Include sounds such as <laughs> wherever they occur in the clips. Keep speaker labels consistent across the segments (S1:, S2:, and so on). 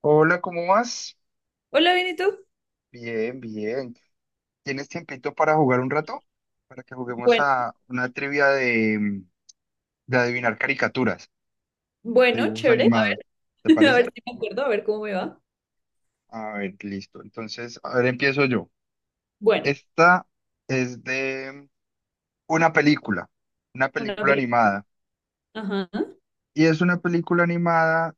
S1: Hola, ¿cómo vas?
S2: Hola, bien, ¿y tú?
S1: Bien, bien. ¿Tienes tiempito para jugar un rato? Para que juguemos
S2: Bueno,
S1: a una trivia de, de adivinar caricaturas, de
S2: bueno,
S1: dibujos
S2: chévere.
S1: animados. ¿Te
S2: <laughs> A ver
S1: parece?
S2: si me acuerdo, a ver cómo me va.
S1: A ver, listo. Entonces, a ver, empiezo yo.
S2: Bueno,
S1: Esta es de una película, una
S2: una
S1: película
S2: pelota.
S1: animada.
S2: Ajá.
S1: Y es una película animada,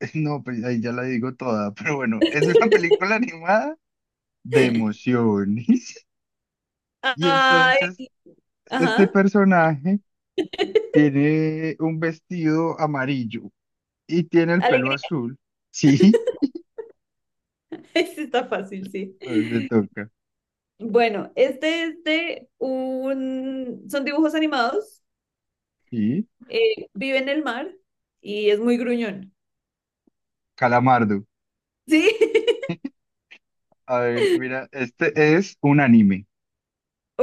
S1: <laughs> no, pues ahí ya la digo toda, <laughs> pero bueno, es una película animada de emociones. <laughs> Y
S2: Ay,
S1: entonces, este
S2: ajá.
S1: personaje...
S2: <laughs>
S1: Tiene un vestido amarillo y tiene el pelo
S2: Alegría.
S1: azul. <laughs> Sí,
S2: <laughs> Este está fácil, sí.
S1: a ver, te toca.
S2: Bueno, este es de un... Son dibujos animados.
S1: Sí,
S2: Vive en el mar y es muy gruñón.
S1: Calamardo.
S2: ¿Sí? <laughs>
S1: A ver, mira, este es un anime.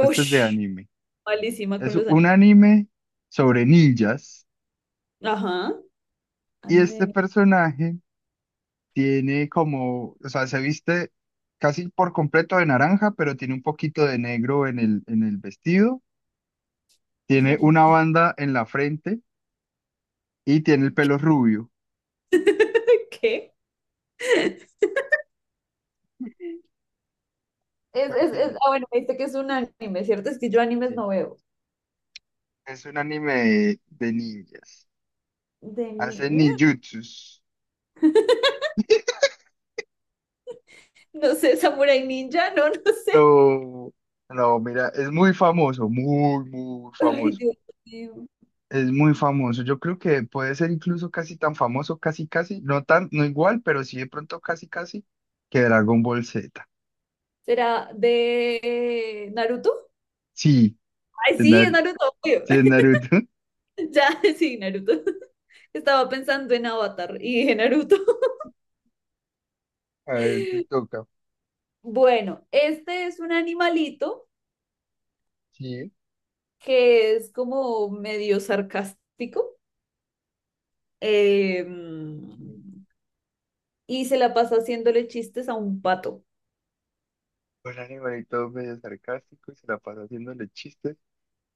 S1: Este es de anime.
S2: malísima con
S1: Es
S2: los
S1: un
S2: animes.
S1: anime sobre ninjas
S2: Ajá.
S1: y este
S2: Anime.
S1: personaje tiene como, o sea, se viste casi por completo de naranja, pero tiene un poquito de negro en el vestido. Tiene una
S2: de-
S1: banda en la frente y tiene el pelo rubio.
S2: <laughs> ¿Qué? Es, es,
S1: Pues,
S2: es-
S1: ¿quién?
S2: ah, bueno, me dijiste que es un anime, ¿cierto? Es que yo animes
S1: Sí.
S2: no veo.
S1: Es un anime de ninjas.
S2: De ni...
S1: Hacen ninjutsus.
S2: <laughs> No sé, Samurai Ninja, no, no sé.
S1: no no, mira, es muy famoso, muy, muy
S2: Ay,
S1: famoso.
S2: Dios mío.
S1: Es muy famoso. Yo creo que puede ser incluso casi tan famoso, casi, casi, no tan, no igual, pero sí de pronto casi, casi, que Dragon Ball Z.
S2: ¿Será de Naruto?
S1: Sí,
S2: Ay,
S1: de,
S2: sí, es
S1: Nar-
S2: Naruto, obvio.
S1: sí, de Naruto. <laughs>
S2: <laughs> Ya, sí, Naruto. <laughs> Estaba pensando en Avatar y dije Naruto. <laughs>
S1: A ver, te toca.
S2: Bueno, este es un animalito
S1: Sí.
S2: que es como medio sarcástico eh, y se la pasa haciéndole chistes a un pato
S1: Un animalito medio sarcástico y se la pasa haciéndole chistes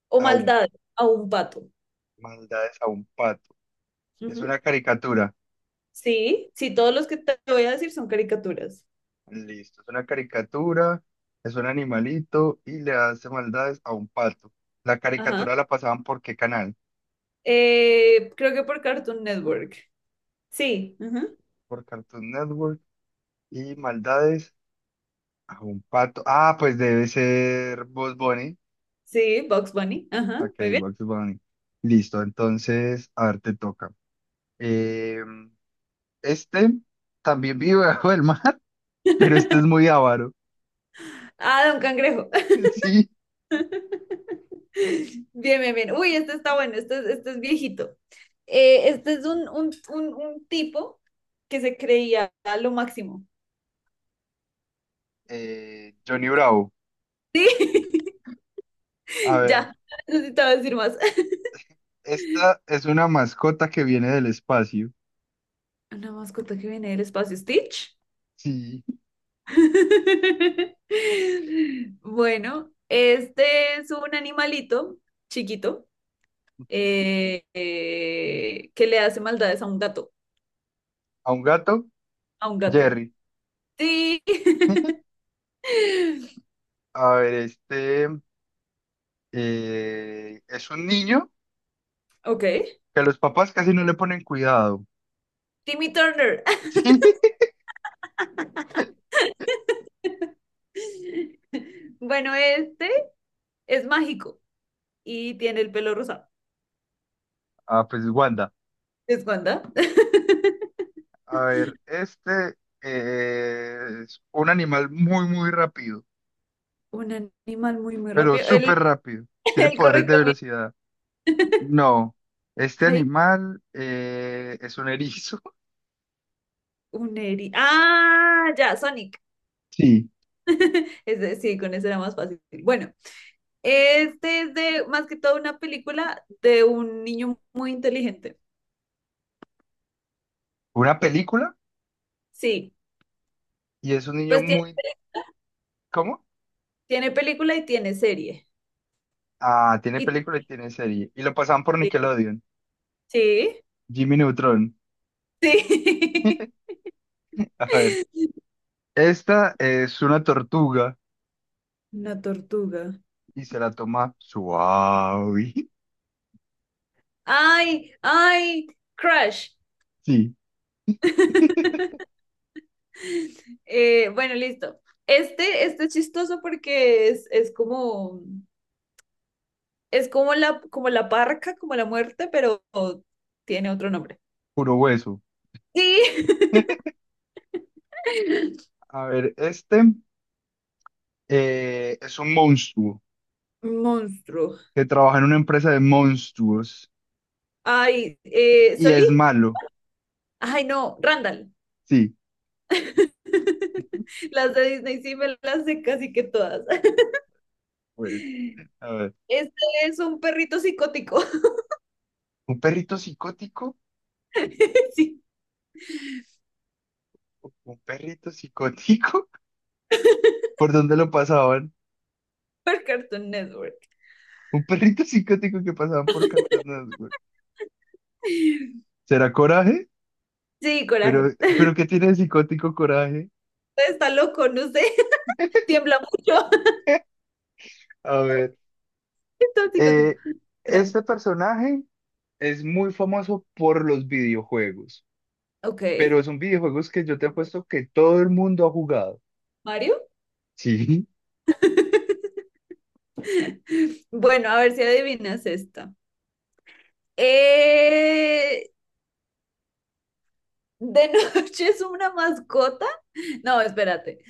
S2: o
S1: a un,
S2: maldades a un pato.
S1: maldades a un pato. Es una caricatura.
S2: Sí, sí, todos los que te voy a decir son caricaturas.
S1: Listo, es una caricatura, es un animalito y le hace maldades a un pato. ¿La
S2: Ajá.
S1: caricatura la pasaban por qué canal?
S2: Creo que por Cartoon Network. Sí, ajá.
S1: Por Cartoon Network y maldades a un pato. Ah, pues debe ser Bugs Bunny.
S2: Sí, Bugs Bunny. Ajá,
S1: Ok,
S2: muy bien.
S1: Bugs Bunny. Listo, entonces, a ver, te toca. Eh, este también vive bajo el mar, <laughs> pero este es muy avaro.
S2: Ah, Don Cangrejo.
S1: <laughs> Sí,
S2: <laughs> Bien, bien, bien. Uy, este está bueno, este es viejito. Este es un, un tipo que se creía a lo máximo.
S1: Johnny Bravo.
S2: <laughs>
S1: A
S2: Sí,
S1: ver,
S2: ya, no necesitaba decir más. <laughs>
S1: esta es una mascota que viene del espacio.
S2: Una mascota que viene del espacio, Stitch.
S1: Sí.
S2: <laughs> Bueno, este es un animalito chiquito que le hace maldades a un gato,
S1: A un gato,
S2: a un gato.
S1: Jerry.
S2: Sí.
S1: <laughs>
S2: <laughs>
S1: A ver, este es un niño
S2: Ok.
S1: que los papás casi no le ponen cuidado. <laughs>
S2: Timmy Turner.
S1: Sí.
S2: <laughs> Bueno, este es mágico y tiene el pelo rosado.
S1: Ah, pues Wanda.
S2: ¿Es Wanda? <laughs>
S1: A ver, este es un animal muy, muy rápido,
S2: Un animal muy, muy
S1: pero
S2: rápido. El,
S1: súper rápido.
S2: <laughs>
S1: Tiene
S2: el
S1: poderes de
S2: correcamino.
S1: velocidad. No, este
S2: Ay,
S1: animal es un erizo. <laughs>
S2: un eri. Ah, ya, Sonic.
S1: Sí.
S2: <laughs> Es decir con eso era más fácil. Bueno, este es de más que todo una película de un niño muy inteligente.
S1: Una película
S2: Sí,
S1: y es un niño
S2: pues tiene,
S1: muy... ¿Cómo?
S2: tiene película y tiene serie.
S1: Ah, tiene
S2: Y,
S1: película y tiene serie. Y lo pasaban por Nickelodeon.
S2: sí,
S1: Jimmy Neutron.
S2: sí.
S1: <laughs> A ver,
S2: <laughs>
S1: esta es una tortuga
S2: Una tortuga.
S1: y se la toma suave. <laughs>
S2: Ay, ay, crush.
S1: Sí,
S2: Bueno, listo. Este es chistoso porque es como la parca, como la muerte, pero tiene otro nombre.
S1: puro hueso.
S2: Sí, <laughs>
S1: A ver, este es un monstruo
S2: monstruo.
S1: que trabaja en una empresa de monstruos
S2: Ay,
S1: y
S2: Solí.
S1: es malo.
S2: Ay, no, Randall.
S1: Sí, <laughs>
S2: <laughs> Las de Disney sí me las sé casi que todas.
S1: bueno,
S2: <laughs>
S1: a ver.
S2: Este es un perrito psicótico.
S1: ¿Un perrito psicótico?
S2: <laughs> Sí,
S1: ¿Un perrito psicótico? <laughs> ¿Por dónde lo pasaban?
S2: por Cartoon Network.
S1: ¿Un perrito psicótico que pasaban por Cartagena? Güey.
S2: Sí,
S1: ¿Será coraje? ¿Pero,
S2: coraje.
S1: pero qué tiene de psicótico coraje?
S2: Está loco, no sé. <laughs> Tiembla mucho. <laughs>
S1: A ver.
S2: Está psicótico.
S1: Eh,
S2: Coraje.
S1: este personaje es muy famoso por los videojuegos,
S2: Ok.
S1: pero son videojuegos que yo te apuesto que todo el mundo ha jugado.
S2: ¿Mario?
S1: Sí,
S2: <laughs> Bueno, a ver si adivinas esta. Eh, ¿De <laughs> noche es una mascota? No, espérate.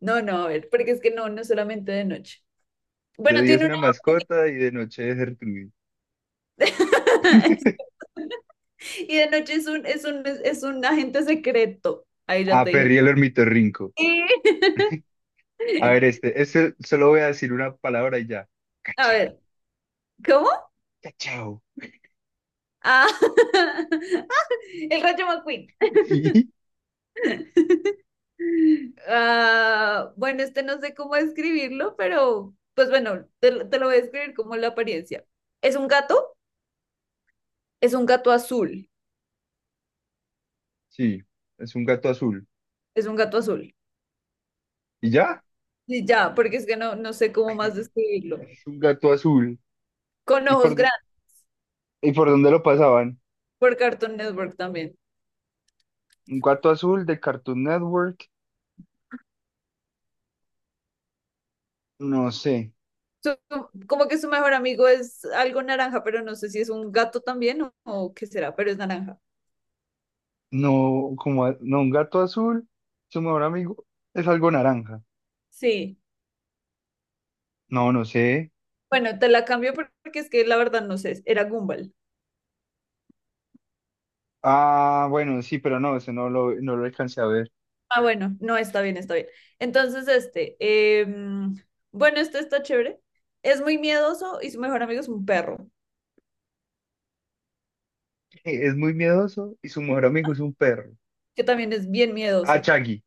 S2: No, no, a ver, porque es que no, no solamente de noche.
S1: de
S2: Bueno,
S1: día es
S2: tiene
S1: una
S2: una...
S1: mascota y de noche es Gertrude.
S2: <laughs> Y de noche es un, es un agente secreto. Ahí ya
S1: Ah,
S2: te dije.
S1: Perry el ornitorrinco.
S2: Sí.
S1: A ver,
S2: <laughs>
S1: este solo voy a decir una palabra y ya.
S2: A
S1: Cachao,
S2: ver, ¿cómo?
S1: cachao.
S2: Ah, <laughs> el Rayo McQueen.
S1: Sí,
S2: <laughs> Ah, bueno, este no sé cómo describirlo, pero pues bueno, te lo voy a describir como la apariencia. Es un gato, es un gato azul,
S1: sí, es un gato azul.
S2: es un gato azul.
S1: ¿Y ya?
S2: Y ya, porque es que no, no sé cómo más
S1: <laughs>
S2: describirlo.
S1: Es un gato azul.
S2: Con
S1: ¿Y por,
S2: ojos
S1: dó-
S2: grandes,
S1: ¿Y por dónde lo pasaban?
S2: por Cartoon Network también.
S1: Un gato azul de Cartoon Network. No sé.
S2: Su- Como que su mejor amigo es algo naranja, pero no sé si es un gato también o qué será, pero es naranja.
S1: No, como, no, un gato azul, su mejor amigo es algo naranja.
S2: Sí.
S1: No, no sé.
S2: Bueno, te la cambio por- porque es que la verdad no sé, era Gumball.
S1: Ah, bueno, sí, pero no, ese no lo, no lo alcancé a ver.
S2: Ah, bueno, no, está bien, está bien. Entonces, este, em, bueno, este está chévere. Es muy miedoso y su mejor amigo es un perro,
S1: <laughs> Es muy miedoso y su mejor amigo es un perro.
S2: que también es bien
S1: Ah,
S2: miedoso.
S1: Chaggy.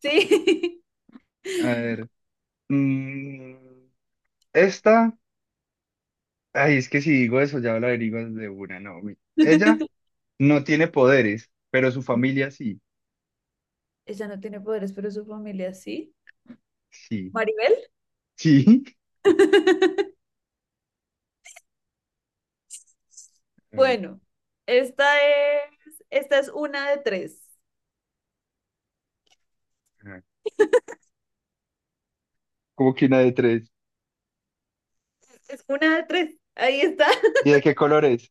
S2: Sí.
S1: A ver. mm, esta. Ay, es que si digo eso ya lo averiguas de una, no. Ella
S2: <laughs>
S1: no tiene poderes, pero su familia sí.
S2: Ella no tiene poderes, pero su familia sí.
S1: Sí.
S2: Maribel.
S1: Sí.
S2: <laughs>
S1: <laughs> A ver,
S2: Bueno, esta es una de tres.
S1: ajá. Como que una de tres.
S2: Es una de tres. Ahí está.
S1: ¿Y
S2: <laughs>
S1: de qué colores?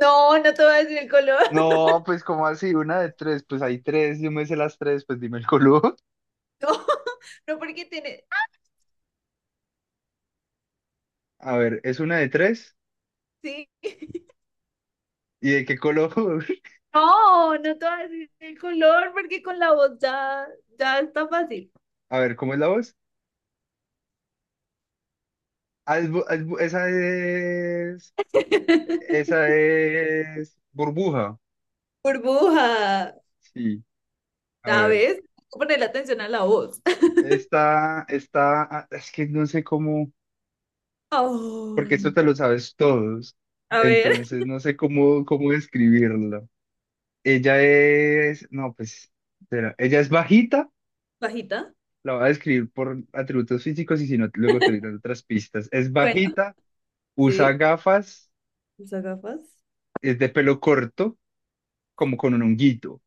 S2: No, no te voy a decir el color.
S1: No, pues como así, una de tres, pues hay tres, yo me sé las tres, pues dime el color.
S2: <laughs> No, no porque tiene.
S1: <laughs> A ver, es una de tres.
S2: Sí.
S1: ¿Y de qué color? <laughs>
S2: No, no te voy a decir el color porque con la voz ya, ya está fácil.
S1: A ver, ¿cómo es la voz? Ah, esa
S2: <laughs>
S1: es burbuja.
S2: Burbuja.
S1: Sí, a ver,
S2: ¿Sabes? Hay que ponerle atención a la voz.
S1: esta, ah, es que no sé cómo,
S2: <laughs>
S1: porque
S2: Ay.
S1: esto te lo sabes todos,
S2: A ver,
S1: entonces no sé cómo, cómo describirlo. Ella es, no, pues, espera, ella es bajita.
S2: bajita.
S1: La voy a describir por atributos físicos y si no, luego te diré otras pistas. Es
S2: Bueno.
S1: bajita, usa
S2: Sí.
S1: gafas,
S2: Usa gafas.
S1: es de pelo corto, como con un honguito.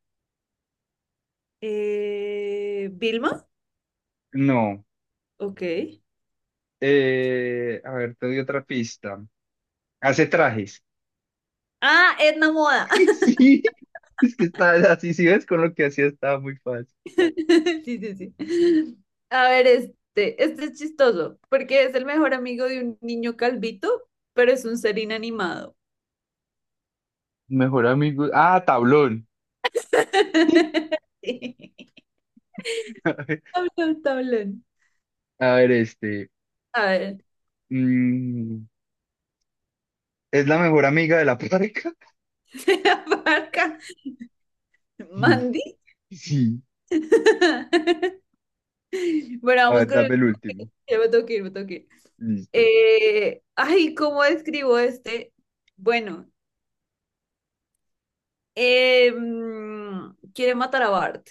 S2: Vilma.
S1: No.
S2: Ok.
S1: A ver, te doy otra pista. Hace trajes.
S2: Ah, Edna Moda.
S1: <laughs>
S2: <laughs>
S1: Sí, es que está así, si ves con lo que hacía estaba muy fácil.
S2: Sí, sí, sí. A ver, este es chistoso, porque es el mejor amigo de un niño calvito, pero es un ser inanimado.
S1: Mejor amigo. Ah, tablón. <laughs>
S2: <laughs> Sí.
S1: A ver,
S2: Tablón, tablón.
S1: a ver, este.
S2: A ver,
S1: mm, es la mejor amiga de la pareja
S2: <laughs> se abarca
S1: <laughs> Sí,
S2: Mandy.
S1: sí.
S2: <laughs> Bueno,
S1: A
S2: vamos
S1: ver,
S2: con el...
S1: dame el último.
S2: Ya me tengo que ir, me tengo que ir.
S1: Listo.
S2: Ay, ¿cómo describo este? Bueno, quiere matar a Bart.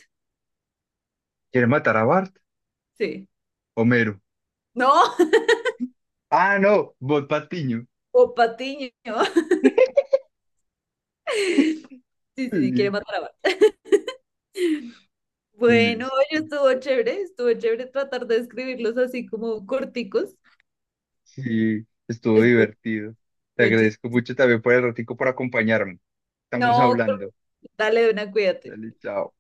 S1: ¿Quiere matar a Bart?
S2: Sí.
S1: Homero.
S2: No.
S1: Ah, no, Bot Patiño.
S2: O Patiño. <laughs> Sí, sí, sí, quiere
S1: Sí,
S2: matar a Bart. <laughs> Bueno,
S1: Liz,
S2: oye, estuvo chévere tratar de escribirlos así como corticos.
S1: sí, estuvo
S2: Estuvo-
S1: divertido. Te
S2: estuvo chis-
S1: agradezco mucho también por el ratico por acompañarme. Estamos
S2: No,
S1: hablando.
S2: dale, una, cuídate.
S1: Dale, chao.